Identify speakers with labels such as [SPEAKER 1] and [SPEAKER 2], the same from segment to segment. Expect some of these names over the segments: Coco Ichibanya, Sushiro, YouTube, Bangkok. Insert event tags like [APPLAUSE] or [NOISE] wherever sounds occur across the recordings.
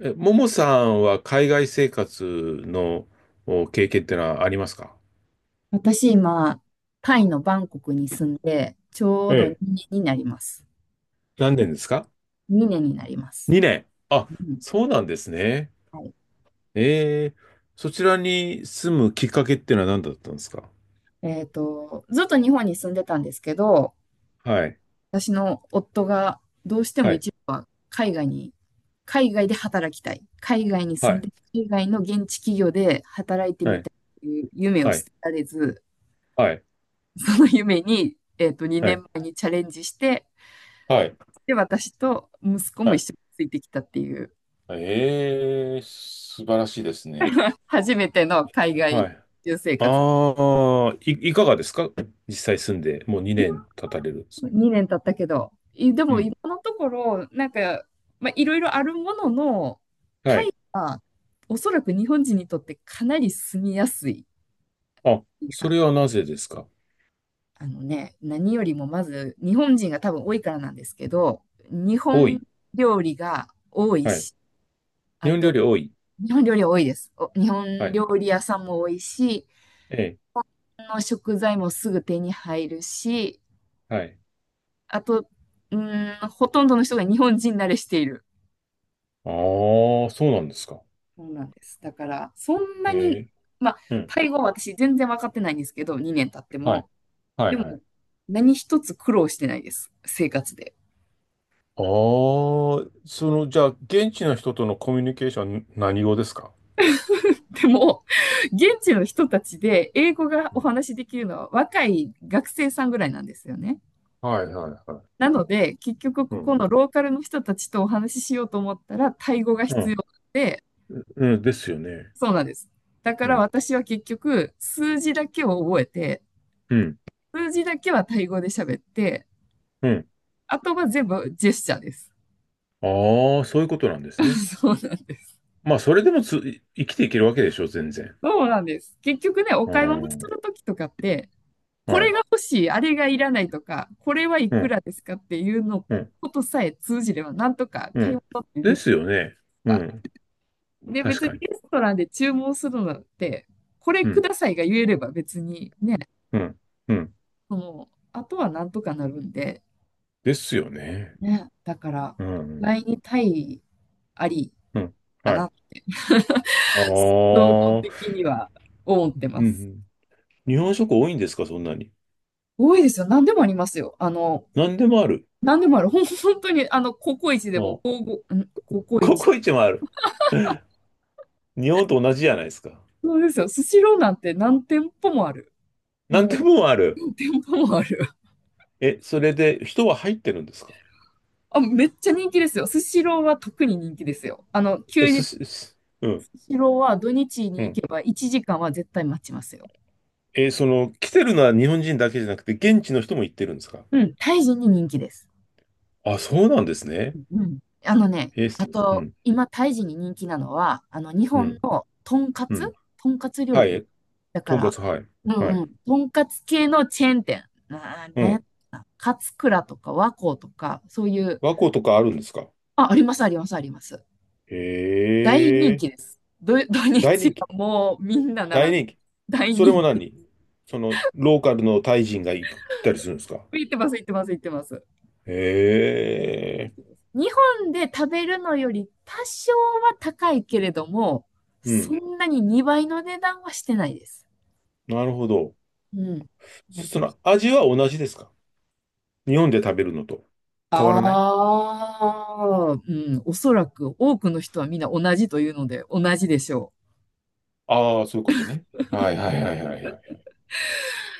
[SPEAKER 1] え、ももさんは海外生活のお経験ってのはありますか？
[SPEAKER 2] 私今、タイのバンコクに住んで、ちょ
[SPEAKER 1] え
[SPEAKER 2] うど
[SPEAKER 1] え、
[SPEAKER 2] 2年になります。
[SPEAKER 1] 何年ですか？
[SPEAKER 2] 2年になります。
[SPEAKER 1] 2 年。あ、
[SPEAKER 2] うん。
[SPEAKER 1] そうなんですね。
[SPEAKER 2] はい。
[SPEAKER 1] ええ、そちらに住むきっかけってのは何だったんですか？
[SPEAKER 2] ずっと日本に住んでたんですけど、
[SPEAKER 1] はい、
[SPEAKER 2] 私の夫がどうしても
[SPEAKER 1] はい、
[SPEAKER 2] 一度は海外に、海外で働きたい。海外に
[SPEAKER 1] は
[SPEAKER 2] 住んで、
[SPEAKER 1] い、
[SPEAKER 2] 海外の現地企業で働いて
[SPEAKER 1] は
[SPEAKER 2] みた
[SPEAKER 1] い、
[SPEAKER 2] いという夢を
[SPEAKER 1] は
[SPEAKER 2] 捨
[SPEAKER 1] い、
[SPEAKER 2] てられず、
[SPEAKER 1] はい、
[SPEAKER 2] その夢に、
[SPEAKER 1] は
[SPEAKER 2] 2
[SPEAKER 1] い、
[SPEAKER 2] 年前にチャレンジして、
[SPEAKER 1] はい、
[SPEAKER 2] で、私と息子も
[SPEAKER 1] は
[SPEAKER 2] 一
[SPEAKER 1] い。
[SPEAKER 2] 緒についてきたっていう。
[SPEAKER 1] ええ、素晴らしいですね。
[SPEAKER 2] 初めての海外
[SPEAKER 1] はい。
[SPEAKER 2] 留生活。
[SPEAKER 1] ああ、いかがですか？実際住んで、もう2年経たれるんですけど。
[SPEAKER 2] 2年経ったけど。で
[SPEAKER 1] う
[SPEAKER 2] も今
[SPEAKER 1] ん。
[SPEAKER 2] のところ、なんか、まあ、いろいろあるものの、
[SPEAKER 1] は
[SPEAKER 2] タ
[SPEAKER 1] い。
[SPEAKER 2] イはおそらく日本人にとってかなり住みやすい。
[SPEAKER 1] あ、
[SPEAKER 2] い
[SPEAKER 1] そ
[SPEAKER 2] や
[SPEAKER 1] れはなぜですか？
[SPEAKER 2] 何よりもまず日本人が多分多いからなんですけど、日
[SPEAKER 1] 多
[SPEAKER 2] 本
[SPEAKER 1] い。
[SPEAKER 2] 料理が多い
[SPEAKER 1] はい。
[SPEAKER 2] し、
[SPEAKER 1] 日
[SPEAKER 2] あ
[SPEAKER 1] 本料
[SPEAKER 2] と、
[SPEAKER 1] 理多い。
[SPEAKER 2] 日本料理は多いです。お日
[SPEAKER 1] は
[SPEAKER 2] 本
[SPEAKER 1] い。
[SPEAKER 2] 料理屋さんも多いし、
[SPEAKER 1] ええ。
[SPEAKER 2] 日本の食材もすぐ手に入るし、
[SPEAKER 1] はい。
[SPEAKER 2] あと、ほとんどの人が日本人慣れしている。
[SPEAKER 1] ああ、そうなんですか。
[SPEAKER 2] そうなんです。だから、そんな
[SPEAKER 1] え
[SPEAKER 2] に、
[SPEAKER 1] え。
[SPEAKER 2] まあ、
[SPEAKER 1] う
[SPEAKER 2] タイ
[SPEAKER 1] ん。
[SPEAKER 2] 語は私全然分かってないんですけど、2年経って
[SPEAKER 1] はい。
[SPEAKER 2] も。
[SPEAKER 1] は
[SPEAKER 2] で
[SPEAKER 1] い、は
[SPEAKER 2] も、
[SPEAKER 1] い。
[SPEAKER 2] 何一つ苦労してないです。生活で。
[SPEAKER 1] ああ、その、じゃあ、現地の人とのコミュニケーション、何語ですか？
[SPEAKER 2] でも、現地の人たちで英語がお
[SPEAKER 1] うん。
[SPEAKER 2] 話しできるのは若い学生さんぐらいなんですよね。
[SPEAKER 1] はい、はい、はい。
[SPEAKER 2] なので、結局
[SPEAKER 1] う
[SPEAKER 2] ここ
[SPEAKER 1] ん。
[SPEAKER 2] のローカルの人たちとお話ししようと思ったら、タイ語が
[SPEAKER 1] う
[SPEAKER 2] 必
[SPEAKER 1] ん。
[SPEAKER 2] 要で、
[SPEAKER 1] うん、ですよね。
[SPEAKER 2] そうなんです。だか
[SPEAKER 1] う
[SPEAKER 2] ら
[SPEAKER 1] ん。
[SPEAKER 2] 私は結局、数字だけを覚えて、
[SPEAKER 1] うん。
[SPEAKER 2] 数字だけはタイ語で喋って、
[SPEAKER 1] うん。
[SPEAKER 2] あとは全部ジェスチャーです。
[SPEAKER 1] ああ、そういうことなんですね。
[SPEAKER 2] [LAUGHS] そうなんです。
[SPEAKER 1] まあ、それでも生きていけるわけでしょ、全然。
[SPEAKER 2] そうなんです。結局ね、お
[SPEAKER 1] う
[SPEAKER 2] 買い物す
[SPEAKER 1] ん。
[SPEAKER 2] るときとかって、こ
[SPEAKER 1] は
[SPEAKER 2] れ
[SPEAKER 1] い。
[SPEAKER 2] が欲しい、あれがいらないとか、これはい
[SPEAKER 1] う
[SPEAKER 2] く
[SPEAKER 1] ん。
[SPEAKER 2] らですかっていうの
[SPEAKER 1] うん。
[SPEAKER 2] ことさえ通じれば、なんとか
[SPEAKER 1] う
[SPEAKER 2] 買い
[SPEAKER 1] ん。
[SPEAKER 2] 物ってで
[SPEAKER 1] で
[SPEAKER 2] き
[SPEAKER 1] す
[SPEAKER 2] る
[SPEAKER 1] よね。う
[SPEAKER 2] か。
[SPEAKER 1] ん。
[SPEAKER 2] で、
[SPEAKER 1] 確
[SPEAKER 2] 別に
[SPEAKER 1] かに。
[SPEAKER 2] レストランで注文するのって、これ
[SPEAKER 1] う
[SPEAKER 2] く
[SPEAKER 1] ん。
[SPEAKER 2] ださいが言えれば別にね、
[SPEAKER 1] うん。うん。
[SPEAKER 2] その、あとはなんとかなるんで、
[SPEAKER 1] ですよね。
[SPEAKER 2] ね、だから、
[SPEAKER 1] うん、うん、
[SPEAKER 2] 来にタイあり
[SPEAKER 1] うん。
[SPEAKER 2] か
[SPEAKER 1] はい。
[SPEAKER 2] な
[SPEAKER 1] あ
[SPEAKER 2] 衝動的
[SPEAKER 1] あ、
[SPEAKER 2] には思ってま
[SPEAKER 1] うん、う
[SPEAKER 2] す。
[SPEAKER 1] ん。日本食多いんですか、そんなに？
[SPEAKER 2] 多いですよ。何でもありますよ。あの、
[SPEAKER 1] 何でもある。
[SPEAKER 2] 何でもある。本当に、あの、ココイチで
[SPEAKER 1] あ
[SPEAKER 2] も、
[SPEAKER 1] あ、
[SPEAKER 2] ゴーゴー、ん、ココイ
[SPEAKER 1] コ
[SPEAKER 2] チ。
[SPEAKER 1] コイチもある。[LAUGHS] 日本と同じじゃないですか。
[SPEAKER 2] そうですよ。スシローなんて何店舗もある。
[SPEAKER 1] 何で
[SPEAKER 2] も
[SPEAKER 1] もあ
[SPEAKER 2] う、
[SPEAKER 1] る。
[SPEAKER 2] 何店舗もある。
[SPEAKER 1] え、それで人は入ってるんですか？
[SPEAKER 2] あ、めっちゃ人気ですよ。スシローは特に人気ですよ。あの、
[SPEAKER 1] え、
[SPEAKER 2] 休日、
[SPEAKER 1] うん、
[SPEAKER 2] スシローは土日
[SPEAKER 1] う
[SPEAKER 2] に行
[SPEAKER 1] ん。
[SPEAKER 2] けば1時間は絶対待ちますよ。
[SPEAKER 1] え、その、来てるのは日本人だけじゃなくて、現地の人も行ってるんですか？
[SPEAKER 2] うん、タイ人に人気です。
[SPEAKER 1] あ、そうなんですね。
[SPEAKER 2] うん。あのね、
[SPEAKER 1] え、す
[SPEAKER 2] あ
[SPEAKER 1] う
[SPEAKER 2] と、
[SPEAKER 1] ん、
[SPEAKER 2] 今、タイ人に人気なのは、あの、日
[SPEAKER 1] う
[SPEAKER 2] 本
[SPEAKER 1] ん、
[SPEAKER 2] のとんか
[SPEAKER 1] う
[SPEAKER 2] つ
[SPEAKER 1] ん。
[SPEAKER 2] とんかつ料
[SPEAKER 1] はい、
[SPEAKER 2] 理。だか
[SPEAKER 1] とんか
[SPEAKER 2] ら、
[SPEAKER 1] つ、はい、
[SPEAKER 2] う
[SPEAKER 1] は
[SPEAKER 2] んう
[SPEAKER 1] い。
[SPEAKER 2] ん。とんかつ系のチェーン店。
[SPEAKER 1] う
[SPEAKER 2] なんやっ
[SPEAKER 1] ん。
[SPEAKER 2] たかな勝倉とか和光とか、そういう、
[SPEAKER 1] 和光とかあるんですか？
[SPEAKER 2] あ、あります、あります、あります。
[SPEAKER 1] へ
[SPEAKER 2] 大人
[SPEAKER 1] え、
[SPEAKER 2] 気です。土、[LAUGHS] 土
[SPEAKER 1] 大
[SPEAKER 2] 日
[SPEAKER 1] 人
[SPEAKER 2] は
[SPEAKER 1] 気。
[SPEAKER 2] もうみんな
[SPEAKER 1] 大
[SPEAKER 2] 並んで、
[SPEAKER 1] 人気。
[SPEAKER 2] 大
[SPEAKER 1] それも
[SPEAKER 2] 人気です。
[SPEAKER 1] 何？その、ローカルのタイ人が行ったりするんですか？
[SPEAKER 2] 行ってます、行ってます、行ってます。
[SPEAKER 1] へ
[SPEAKER 2] 大人
[SPEAKER 1] え。
[SPEAKER 2] 気です。日本で食べるのより多少は高いけれども、
[SPEAKER 1] う
[SPEAKER 2] そ
[SPEAKER 1] ん。
[SPEAKER 2] んなに2倍の値段はしてないです。
[SPEAKER 1] なるほど。
[SPEAKER 2] うん。だか
[SPEAKER 1] そ
[SPEAKER 2] ら
[SPEAKER 1] の、味は同じですか？日本で食べるのと変わらない？
[SPEAKER 2] ああ、うん、おそらく多くの人はみんな同じというので同じでしょ
[SPEAKER 1] ああ、そういうことね。はいはいはいはいはいはい。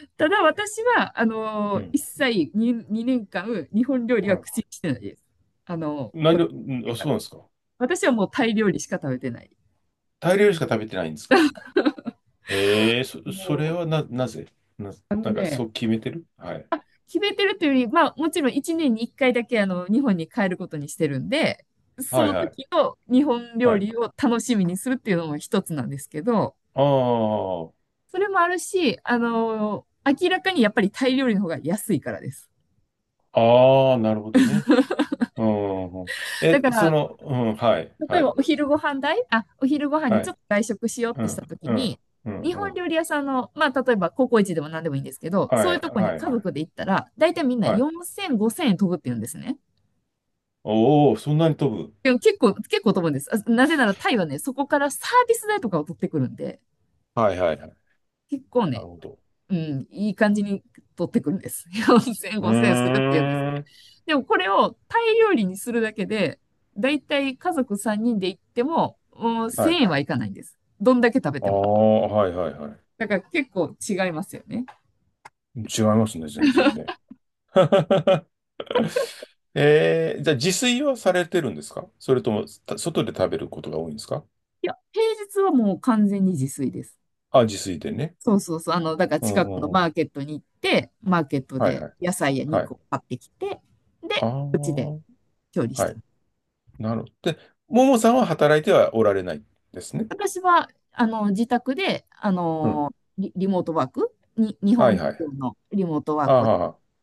[SPEAKER 2] う。ただ私は、
[SPEAKER 1] うん。
[SPEAKER 2] 一切に2、年間日本料理
[SPEAKER 1] は
[SPEAKER 2] は
[SPEAKER 1] い。
[SPEAKER 2] 口にしてないです。こっち来
[SPEAKER 1] うん。
[SPEAKER 2] て
[SPEAKER 1] あ、
[SPEAKER 2] か
[SPEAKER 1] そう
[SPEAKER 2] ら。
[SPEAKER 1] なんですか。
[SPEAKER 2] 私はもうタイ料理しか食べてない。
[SPEAKER 1] タイ料理しか食べてないんですか。ええ、そ
[SPEAKER 2] も
[SPEAKER 1] れ
[SPEAKER 2] う、
[SPEAKER 1] はな、なぜな、
[SPEAKER 2] あの
[SPEAKER 1] なんかそ
[SPEAKER 2] ね、
[SPEAKER 1] う決めてる？はい。
[SPEAKER 2] 決めてるというより、まあもちろん1年に1回だけあの日本に帰ることにしてるんで、そ
[SPEAKER 1] はい
[SPEAKER 2] の
[SPEAKER 1] はい。
[SPEAKER 2] 時の日本料
[SPEAKER 1] はい。
[SPEAKER 2] 理を楽しみにするっていうのも一つなんですけど、
[SPEAKER 1] あ
[SPEAKER 2] それもあるし、明らかにやっぱりタイ料理の方が安いからです。
[SPEAKER 1] あ、ああ、なるほどね。うん。え、
[SPEAKER 2] だか
[SPEAKER 1] そ
[SPEAKER 2] ら、
[SPEAKER 1] の、うん、はい、
[SPEAKER 2] 例
[SPEAKER 1] は
[SPEAKER 2] え
[SPEAKER 1] い、
[SPEAKER 2] ばお昼ご飯代、あ、お昼ご飯に
[SPEAKER 1] は
[SPEAKER 2] ちょ
[SPEAKER 1] い、
[SPEAKER 2] っと外食しようっ
[SPEAKER 1] う
[SPEAKER 2] てした
[SPEAKER 1] ん、
[SPEAKER 2] とき
[SPEAKER 1] うん、
[SPEAKER 2] に、
[SPEAKER 1] うん、
[SPEAKER 2] 日
[SPEAKER 1] う
[SPEAKER 2] 本
[SPEAKER 1] ん、
[SPEAKER 2] 料理屋さんの、まあ、例えばココイチでも何でもいいんですけど、
[SPEAKER 1] は
[SPEAKER 2] そういう
[SPEAKER 1] い、
[SPEAKER 2] とこに
[SPEAKER 1] はい、
[SPEAKER 2] 家
[SPEAKER 1] はい、
[SPEAKER 2] 族で行ったら、大体みんな
[SPEAKER 1] はい。
[SPEAKER 2] 4000、5000円飛ぶって言うんですね。
[SPEAKER 1] おお、そんなに飛ぶ？
[SPEAKER 2] でも結構飛ぶんです。あなぜならタイはね、そこからサービス代とかを取ってくるんで、
[SPEAKER 1] はい、はい、はい。
[SPEAKER 2] 結構
[SPEAKER 1] なる
[SPEAKER 2] ね、
[SPEAKER 1] ほど。
[SPEAKER 2] うん、いい感じに取ってくるんです。[LAUGHS] 4000、
[SPEAKER 1] う
[SPEAKER 2] 5000するっていうんですね。
[SPEAKER 1] ーん、
[SPEAKER 2] でもこれをタイ料理にするだけで、だいたい家族3人で行っても、もう
[SPEAKER 1] はい。
[SPEAKER 2] 1000円はいかないんです。どんだけ食べ
[SPEAKER 1] あ
[SPEAKER 2] ても。
[SPEAKER 1] あ、はい、はい、は
[SPEAKER 2] だから結構違いますよね。
[SPEAKER 1] い。違いますね、全然ね。[LAUGHS] じゃあ自炊はされてるんですか？それとも、外で食べることが多いんですか？
[SPEAKER 2] いや、平日はもう完全に自炊です。
[SPEAKER 1] あ、自炊でね。
[SPEAKER 2] そうそうそう。あの、だから
[SPEAKER 1] うん
[SPEAKER 2] 近
[SPEAKER 1] う
[SPEAKER 2] くの
[SPEAKER 1] んう
[SPEAKER 2] マ
[SPEAKER 1] ん。
[SPEAKER 2] ーケットに行って、マーケット
[SPEAKER 1] はい
[SPEAKER 2] で
[SPEAKER 1] はい。
[SPEAKER 2] 野菜や
[SPEAKER 1] は
[SPEAKER 2] 肉
[SPEAKER 1] い。
[SPEAKER 2] を買ってきて、
[SPEAKER 1] あ
[SPEAKER 2] で、うちで
[SPEAKER 1] あ、
[SPEAKER 2] 調理し
[SPEAKER 1] は
[SPEAKER 2] て
[SPEAKER 1] い。なるほど。で、ももさんは働いてはおられないですね。
[SPEAKER 2] 私は、あの、自宅で、あ
[SPEAKER 1] うん。
[SPEAKER 2] の、リモートワークに、日
[SPEAKER 1] はい
[SPEAKER 2] 本
[SPEAKER 1] はい。
[SPEAKER 2] 企業のリモートワー
[SPEAKER 1] あ
[SPEAKER 2] クをちょっ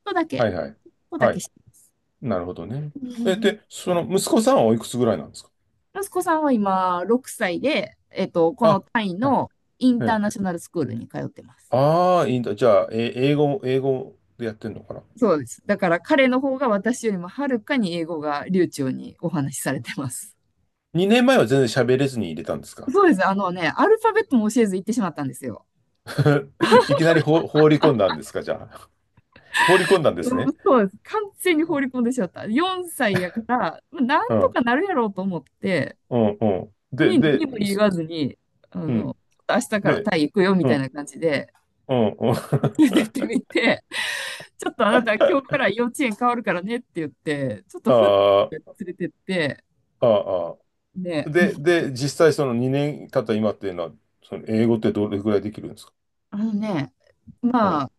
[SPEAKER 2] とだ
[SPEAKER 1] あ、はいはい。
[SPEAKER 2] ちょっとだ
[SPEAKER 1] は
[SPEAKER 2] け
[SPEAKER 1] い。
[SPEAKER 2] してます。
[SPEAKER 1] なるほどね。え、で、
[SPEAKER 2] [LAUGHS]
[SPEAKER 1] その息子さんはおいくつぐらいなんですか？
[SPEAKER 2] 息子さんは今、6歳で、この
[SPEAKER 1] あ、
[SPEAKER 2] タイ
[SPEAKER 1] はい。
[SPEAKER 2] のイン
[SPEAKER 1] え
[SPEAKER 2] ターナシ
[SPEAKER 1] え、
[SPEAKER 2] ョナルスクールに通ってます。
[SPEAKER 1] ああー、いいんだ。じゃあ、え、英語でやってんのかな？
[SPEAKER 2] そうです。だから彼の方が私よりもはるかに英語が流暢にお話しされてます。
[SPEAKER 1] 2 年前は全然喋れずに入れたんですか？
[SPEAKER 2] そうです。あのね、アルファベットも教えず行ってしまったんですよ。
[SPEAKER 1] [LAUGHS] いきなり放り込んだんですか、じゃあ？[LAUGHS] 放り込んだんです
[SPEAKER 2] うん
[SPEAKER 1] ね。
[SPEAKER 2] そうです。完全に放り込んでしまった。4歳やから、まあな
[SPEAKER 1] う
[SPEAKER 2] んと
[SPEAKER 1] ん、
[SPEAKER 2] かなるやろうと思って、
[SPEAKER 1] うん、うん。で、
[SPEAKER 2] に何
[SPEAKER 1] で、
[SPEAKER 2] も言わずに、あ
[SPEAKER 1] う
[SPEAKER 2] の、
[SPEAKER 1] ん。
[SPEAKER 2] 明日から
[SPEAKER 1] で、
[SPEAKER 2] タイ行くよみ
[SPEAKER 1] う
[SPEAKER 2] たい
[SPEAKER 1] ん、
[SPEAKER 2] な感じで、
[SPEAKER 1] うん、う
[SPEAKER 2] 出て
[SPEAKER 1] ん。
[SPEAKER 2] ってみて、ちょっとあなた今日から幼稚園変わるからねって言って、ちょっ
[SPEAKER 1] [LAUGHS]
[SPEAKER 2] とふって
[SPEAKER 1] あ
[SPEAKER 2] 連
[SPEAKER 1] あ、
[SPEAKER 2] れてって、
[SPEAKER 1] ああ、
[SPEAKER 2] で、
[SPEAKER 1] あ。で、実際その2年経った今っていうのは、その英語ってどれぐらいできるんですか？
[SPEAKER 2] あのね、
[SPEAKER 1] う
[SPEAKER 2] ま
[SPEAKER 1] ん、
[SPEAKER 2] あ、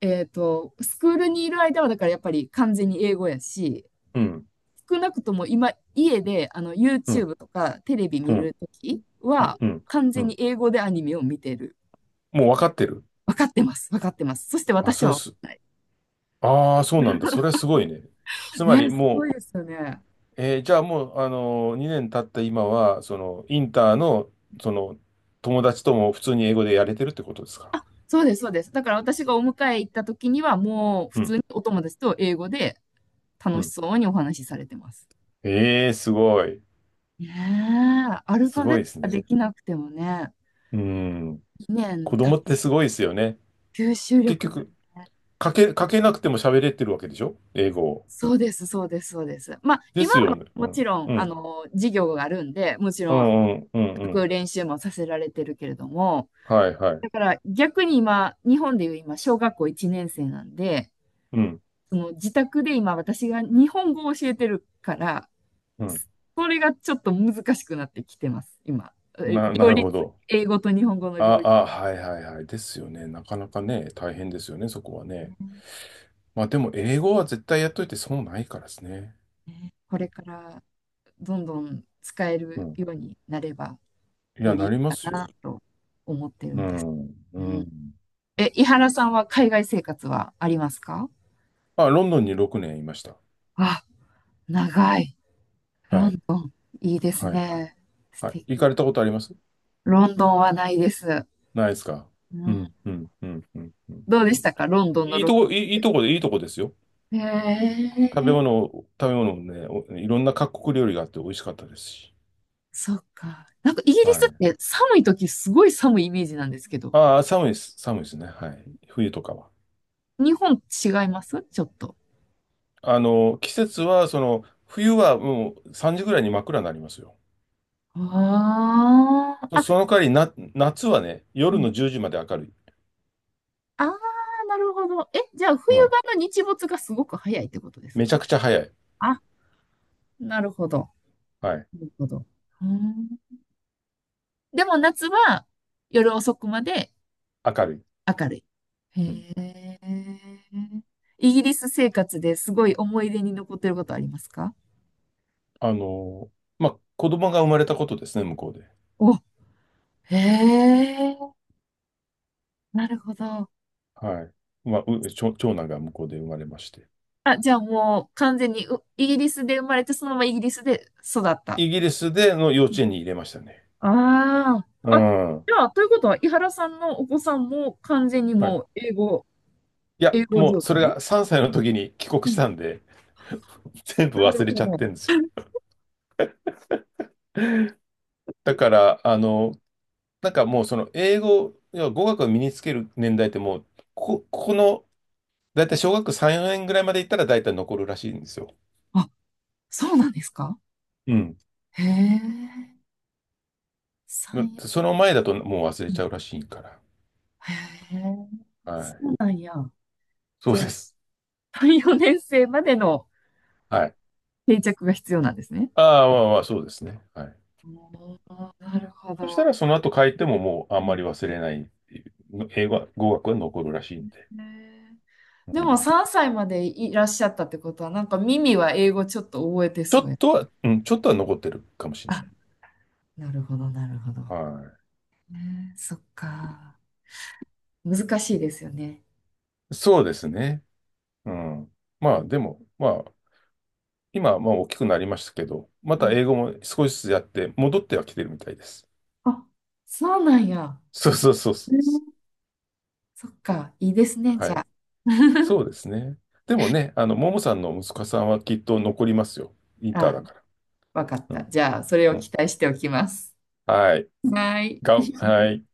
[SPEAKER 2] スクールにいる間はだからやっぱり完全に英語やし、
[SPEAKER 1] うん、
[SPEAKER 2] 少なくとも今、家であの
[SPEAKER 1] うん、
[SPEAKER 2] YouTube とかテレビ
[SPEAKER 1] う
[SPEAKER 2] 見
[SPEAKER 1] ん、
[SPEAKER 2] るとき
[SPEAKER 1] うん、
[SPEAKER 2] は、
[SPEAKER 1] うん。
[SPEAKER 2] 完
[SPEAKER 1] う
[SPEAKER 2] 全に
[SPEAKER 1] ん、
[SPEAKER 2] 英語でアニメを見てる。
[SPEAKER 1] もう分かってる？
[SPEAKER 2] 分かってます、分かってます。そして
[SPEAKER 1] あ、
[SPEAKER 2] 私
[SPEAKER 1] それ
[SPEAKER 2] は分
[SPEAKER 1] す、
[SPEAKER 2] かんない。
[SPEAKER 1] ああ、そうなんだ。それはすごいね。つま
[SPEAKER 2] ね、
[SPEAKER 1] り
[SPEAKER 2] す
[SPEAKER 1] も
[SPEAKER 2] ごい
[SPEAKER 1] う、
[SPEAKER 2] ですよね。
[SPEAKER 1] じゃあもう、2年経った今は、その、インターの、その、友達とも普通に英語でやれてるってことですか？
[SPEAKER 2] そうです、そうです。だから私がお迎え行った時には、もう普
[SPEAKER 1] う
[SPEAKER 2] 通
[SPEAKER 1] ん、
[SPEAKER 2] にお友達と英語で
[SPEAKER 1] う
[SPEAKER 2] 楽し
[SPEAKER 1] ん。
[SPEAKER 2] そうにお話しされてます。
[SPEAKER 1] ええ、すごい。
[SPEAKER 2] ねえ、アルフ
[SPEAKER 1] す
[SPEAKER 2] ァベ
[SPEAKER 1] ご
[SPEAKER 2] ッ
[SPEAKER 1] い
[SPEAKER 2] ト
[SPEAKER 1] です
[SPEAKER 2] がで
[SPEAKER 1] ね。
[SPEAKER 2] きなくてもね、
[SPEAKER 1] うん。
[SPEAKER 2] 2年
[SPEAKER 1] 子
[SPEAKER 2] 経
[SPEAKER 1] 供って
[SPEAKER 2] つ
[SPEAKER 1] すごいですよね。
[SPEAKER 2] 吸収
[SPEAKER 1] 結
[SPEAKER 2] 力がね。
[SPEAKER 1] 局、かけなくても喋れてるわけでしょ、英語を？
[SPEAKER 2] そうです、そうです、そうです。まあ、
[SPEAKER 1] で
[SPEAKER 2] 今
[SPEAKER 1] す
[SPEAKER 2] は
[SPEAKER 1] よね。う
[SPEAKER 2] もち
[SPEAKER 1] ん。
[SPEAKER 2] ろん、
[SPEAKER 1] う
[SPEAKER 2] あ
[SPEAKER 1] ん。
[SPEAKER 2] の、授業があるんで、もち
[SPEAKER 1] う
[SPEAKER 2] ろん、
[SPEAKER 1] んうんうんうん。
[SPEAKER 2] 練習もさせられてるけれども、
[SPEAKER 1] はいはい。
[SPEAKER 2] だから逆に今、日本でいう今、小学校1年生なんで、
[SPEAKER 1] うん。
[SPEAKER 2] その自宅で今、私が日本語を教えてるから、
[SPEAKER 1] うん。
[SPEAKER 2] これがちょっと難しくなってきてます、今。え
[SPEAKER 1] な
[SPEAKER 2] 両
[SPEAKER 1] る
[SPEAKER 2] 立、
[SPEAKER 1] ほど。
[SPEAKER 2] 英語と日本語の
[SPEAKER 1] あ、
[SPEAKER 2] 両立。
[SPEAKER 1] あ、はいはいはい。ですよね。なかなかね、大変ですよね、そこはね。まあでも、英語は絶対やっといて損ないからですね。
[SPEAKER 2] ねこれからどんどん使え
[SPEAKER 1] う
[SPEAKER 2] る
[SPEAKER 1] ん。
[SPEAKER 2] ようになれば
[SPEAKER 1] い
[SPEAKER 2] よ
[SPEAKER 1] や、
[SPEAKER 2] りい
[SPEAKER 1] な
[SPEAKER 2] い
[SPEAKER 1] りま
[SPEAKER 2] か
[SPEAKER 1] す
[SPEAKER 2] な
[SPEAKER 1] よ。
[SPEAKER 2] と思ってる
[SPEAKER 1] う
[SPEAKER 2] んです。
[SPEAKER 1] ん。う
[SPEAKER 2] うん、
[SPEAKER 1] ん。
[SPEAKER 2] え、井原さんは海外生活はありますか
[SPEAKER 1] あ、ロンドンに6年いました。
[SPEAKER 2] あ、長い。
[SPEAKER 1] は
[SPEAKER 2] ロ
[SPEAKER 1] い。
[SPEAKER 2] ンドン。いいです
[SPEAKER 1] はい。
[SPEAKER 2] ね。素
[SPEAKER 1] はい。行か
[SPEAKER 2] 敵。
[SPEAKER 1] れたことあります？
[SPEAKER 2] ロンドンはないです。
[SPEAKER 1] ないですか？
[SPEAKER 2] う
[SPEAKER 1] う
[SPEAKER 2] ん、
[SPEAKER 1] ん。うん。うん。うん。うん。
[SPEAKER 2] どう
[SPEAKER 1] う
[SPEAKER 2] でし
[SPEAKER 1] ん。
[SPEAKER 2] たかロンドンの録
[SPEAKER 1] いいとこで、いいとこですよ。
[SPEAKER 2] 音へえ。
[SPEAKER 1] 食べ物もね、いろんな各国料理があって美味しかったですし。
[SPEAKER 2] そっか。なんかイギリ
[SPEAKER 1] は
[SPEAKER 2] スっ
[SPEAKER 1] い。
[SPEAKER 2] て寒い時すごい寒いイメージなんですけど、
[SPEAKER 1] ああ、寒いです。寒いですね。はい。冬とかは。
[SPEAKER 2] 日本違いますちょっと。
[SPEAKER 1] 季節は、その、冬はもう3時ぐらいに真っ暗になりますよ。
[SPEAKER 2] ああ、
[SPEAKER 1] そ
[SPEAKER 2] あ、
[SPEAKER 1] その代わりな、夏はね、
[SPEAKER 2] う
[SPEAKER 1] 夜
[SPEAKER 2] ん。
[SPEAKER 1] の10時まで明るい。
[SPEAKER 2] ああ、なるほど。え、じゃあ冬
[SPEAKER 1] うん。
[SPEAKER 2] 場の日没がすごく早いってことです
[SPEAKER 1] めちゃ
[SPEAKER 2] か
[SPEAKER 1] くちゃ早い。
[SPEAKER 2] あ、なるほど。
[SPEAKER 1] はい。
[SPEAKER 2] なるほど。うん。でも夏は夜遅くまで
[SPEAKER 1] 明るい。
[SPEAKER 2] 明るい。
[SPEAKER 1] うん。
[SPEAKER 2] へえ。イギリス生活ですごい思い出に残ってることありますか
[SPEAKER 1] あの、まあ、子供が生まれたことですね、向こうで。
[SPEAKER 2] お、へえ。なるほど。
[SPEAKER 1] はい。まあ、長男が向こうで生まれまして。
[SPEAKER 2] あ、じゃあもう完全にうイギリスで生まれて、そのままイギリスで育った。
[SPEAKER 1] イギリスでの幼稚園に入れましたね。
[SPEAKER 2] あ
[SPEAKER 1] う
[SPEAKER 2] あ。あ、
[SPEAKER 1] ん。は
[SPEAKER 2] じゃあ、ということは、井原さんのお子さんも完全に
[SPEAKER 1] い。
[SPEAKER 2] もう英語、
[SPEAKER 1] いや、
[SPEAKER 2] 英語
[SPEAKER 1] もう
[SPEAKER 2] 状
[SPEAKER 1] それ
[SPEAKER 2] 態
[SPEAKER 1] が3歳の時に帰国
[SPEAKER 2] う
[SPEAKER 1] し
[SPEAKER 2] ん。
[SPEAKER 1] たんで、[LAUGHS] 全部
[SPEAKER 2] なる
[SPEAKER 1] 忘れち
[SPEAKER 2] ほ
[SPEAKER 1] ゃって
[SPEAKER 2] ど。
[SPEAKER 1] るんですよ。だから、なんかもうその英語、要は語学を身につける年代ってもう、ここ、ここの、だいたい小学3、4年ぐらいまで行ったらだいたい残るらしいんですよ。
[SPEAKER 2] あ、そうなんですか
[SPEAKER 1] うん。
[SPEAKER 2] へえ。三、
[SPEAKER 1] その前だともう忘
[SPEAKER 2] う
[SPEAKER 1] れち
[SPEAKER 2] ん
[SPEAKER 1] ゃうらしいから。
[SPEAKER 2] へえ。
[SPEAKER 1] は
[SPEAKER 2] そ
[SPEAKER 1] い。
[SPEAKER 2] うなんや。
[SPEAKER 1] そう
[SPEAKER 2] じゃ
[SPEAKER 1] で
[SPEAKER 2] あ、
[SPEAKER 1] す。
[SPEAKER 2] 3、4年生までの
[SPEAKER 1] はい。
[SPEAKER 2] 定着が必要なんですね。
[SPEAKER 1] ああ、まあまあ、そうですね。はい。
[SPEAKER 2] おーなるほ
[SPEAKER 1] そした
[SPEAKER 2] ど。
[SPEAKER 1] らその後帰ってももうあ
[SPEAKER 2] う
[SPEAKER 1] んまり
[SPEAKER 2] ん
[SPEAKER 1] 忘れないっていう、英語は、語学は残るらしいんで。
[SPEAKER 2] へえ
[SPEAKER 1] う
[SPEAKER 2] でも
[SPEAKER 1] ん。
[SPEAKER 2] 3歳までいらっしゃったってことは、なんか耳は英語ちょっと覚えて
[SPEAKER 1] ちょ
[SPEAKER 2] そう
[SPEAKER 1] っ
[SPEAKER 2] や。
[SPEAKER 1] とは、うん、ちょっとは残ってるかもしれな
[SPEAKER 2] あ、
[SPEAKER 1] い。
[SPEAKER 2] なるほど、なるほど。
[SPEAKER 1] は
[SPEAKER 2] ねえそっか。難しいですよね。
[SPEAKER 1] い。そうですね。うん。ま
[SPEAKER 2] う
[SPEAKER 1] あ、
[SPEAKER 2] ん
[SPEAKER 1] でも、まあ、今はまあ大きくなりましたけど、ま
[SPEAKER 2] う
[SPEAKER 1] た
[SPEAKER 2] ん
[SPEAKER 1] 英語も少しずつやって、戻ってはきてるみたいです。
[SPEAKER 2] あ、そうなんや。
[SPEAKER 1] そうそうそう
[SPEAKER 2] ね
[SPEAKER 1] そう。
[SPEAKER 2] そっか。いいですね、じ
[SPEAKER 1] は
[SPEAKER 2] ゃ
[SPEAKER 1] い。
[SPEAKER 2] あ。[LAUGHS]
[SPEAKER 1] そうですね。でもね、ももさんの息子さんはきっと残りますよ。インター
[SPEAKER 2] あ、
[SPEAKER 1] だから。
[SPEAKER 2] わかっ
[SPEAKER 1] う
[SPEAKER 2] た。
[SPEAKER 1] ん。
[SPEAKER 2] じゃあ、それ
[SPEAKER 1] う
[SPEAKER 2] を期
[SPEAKER 1] ん。
[SPEAKER 2] 待しておきます。
[SPEAKER 1] はい。
[SPEAKER 2] はい。
[SPEAKER 1] はい。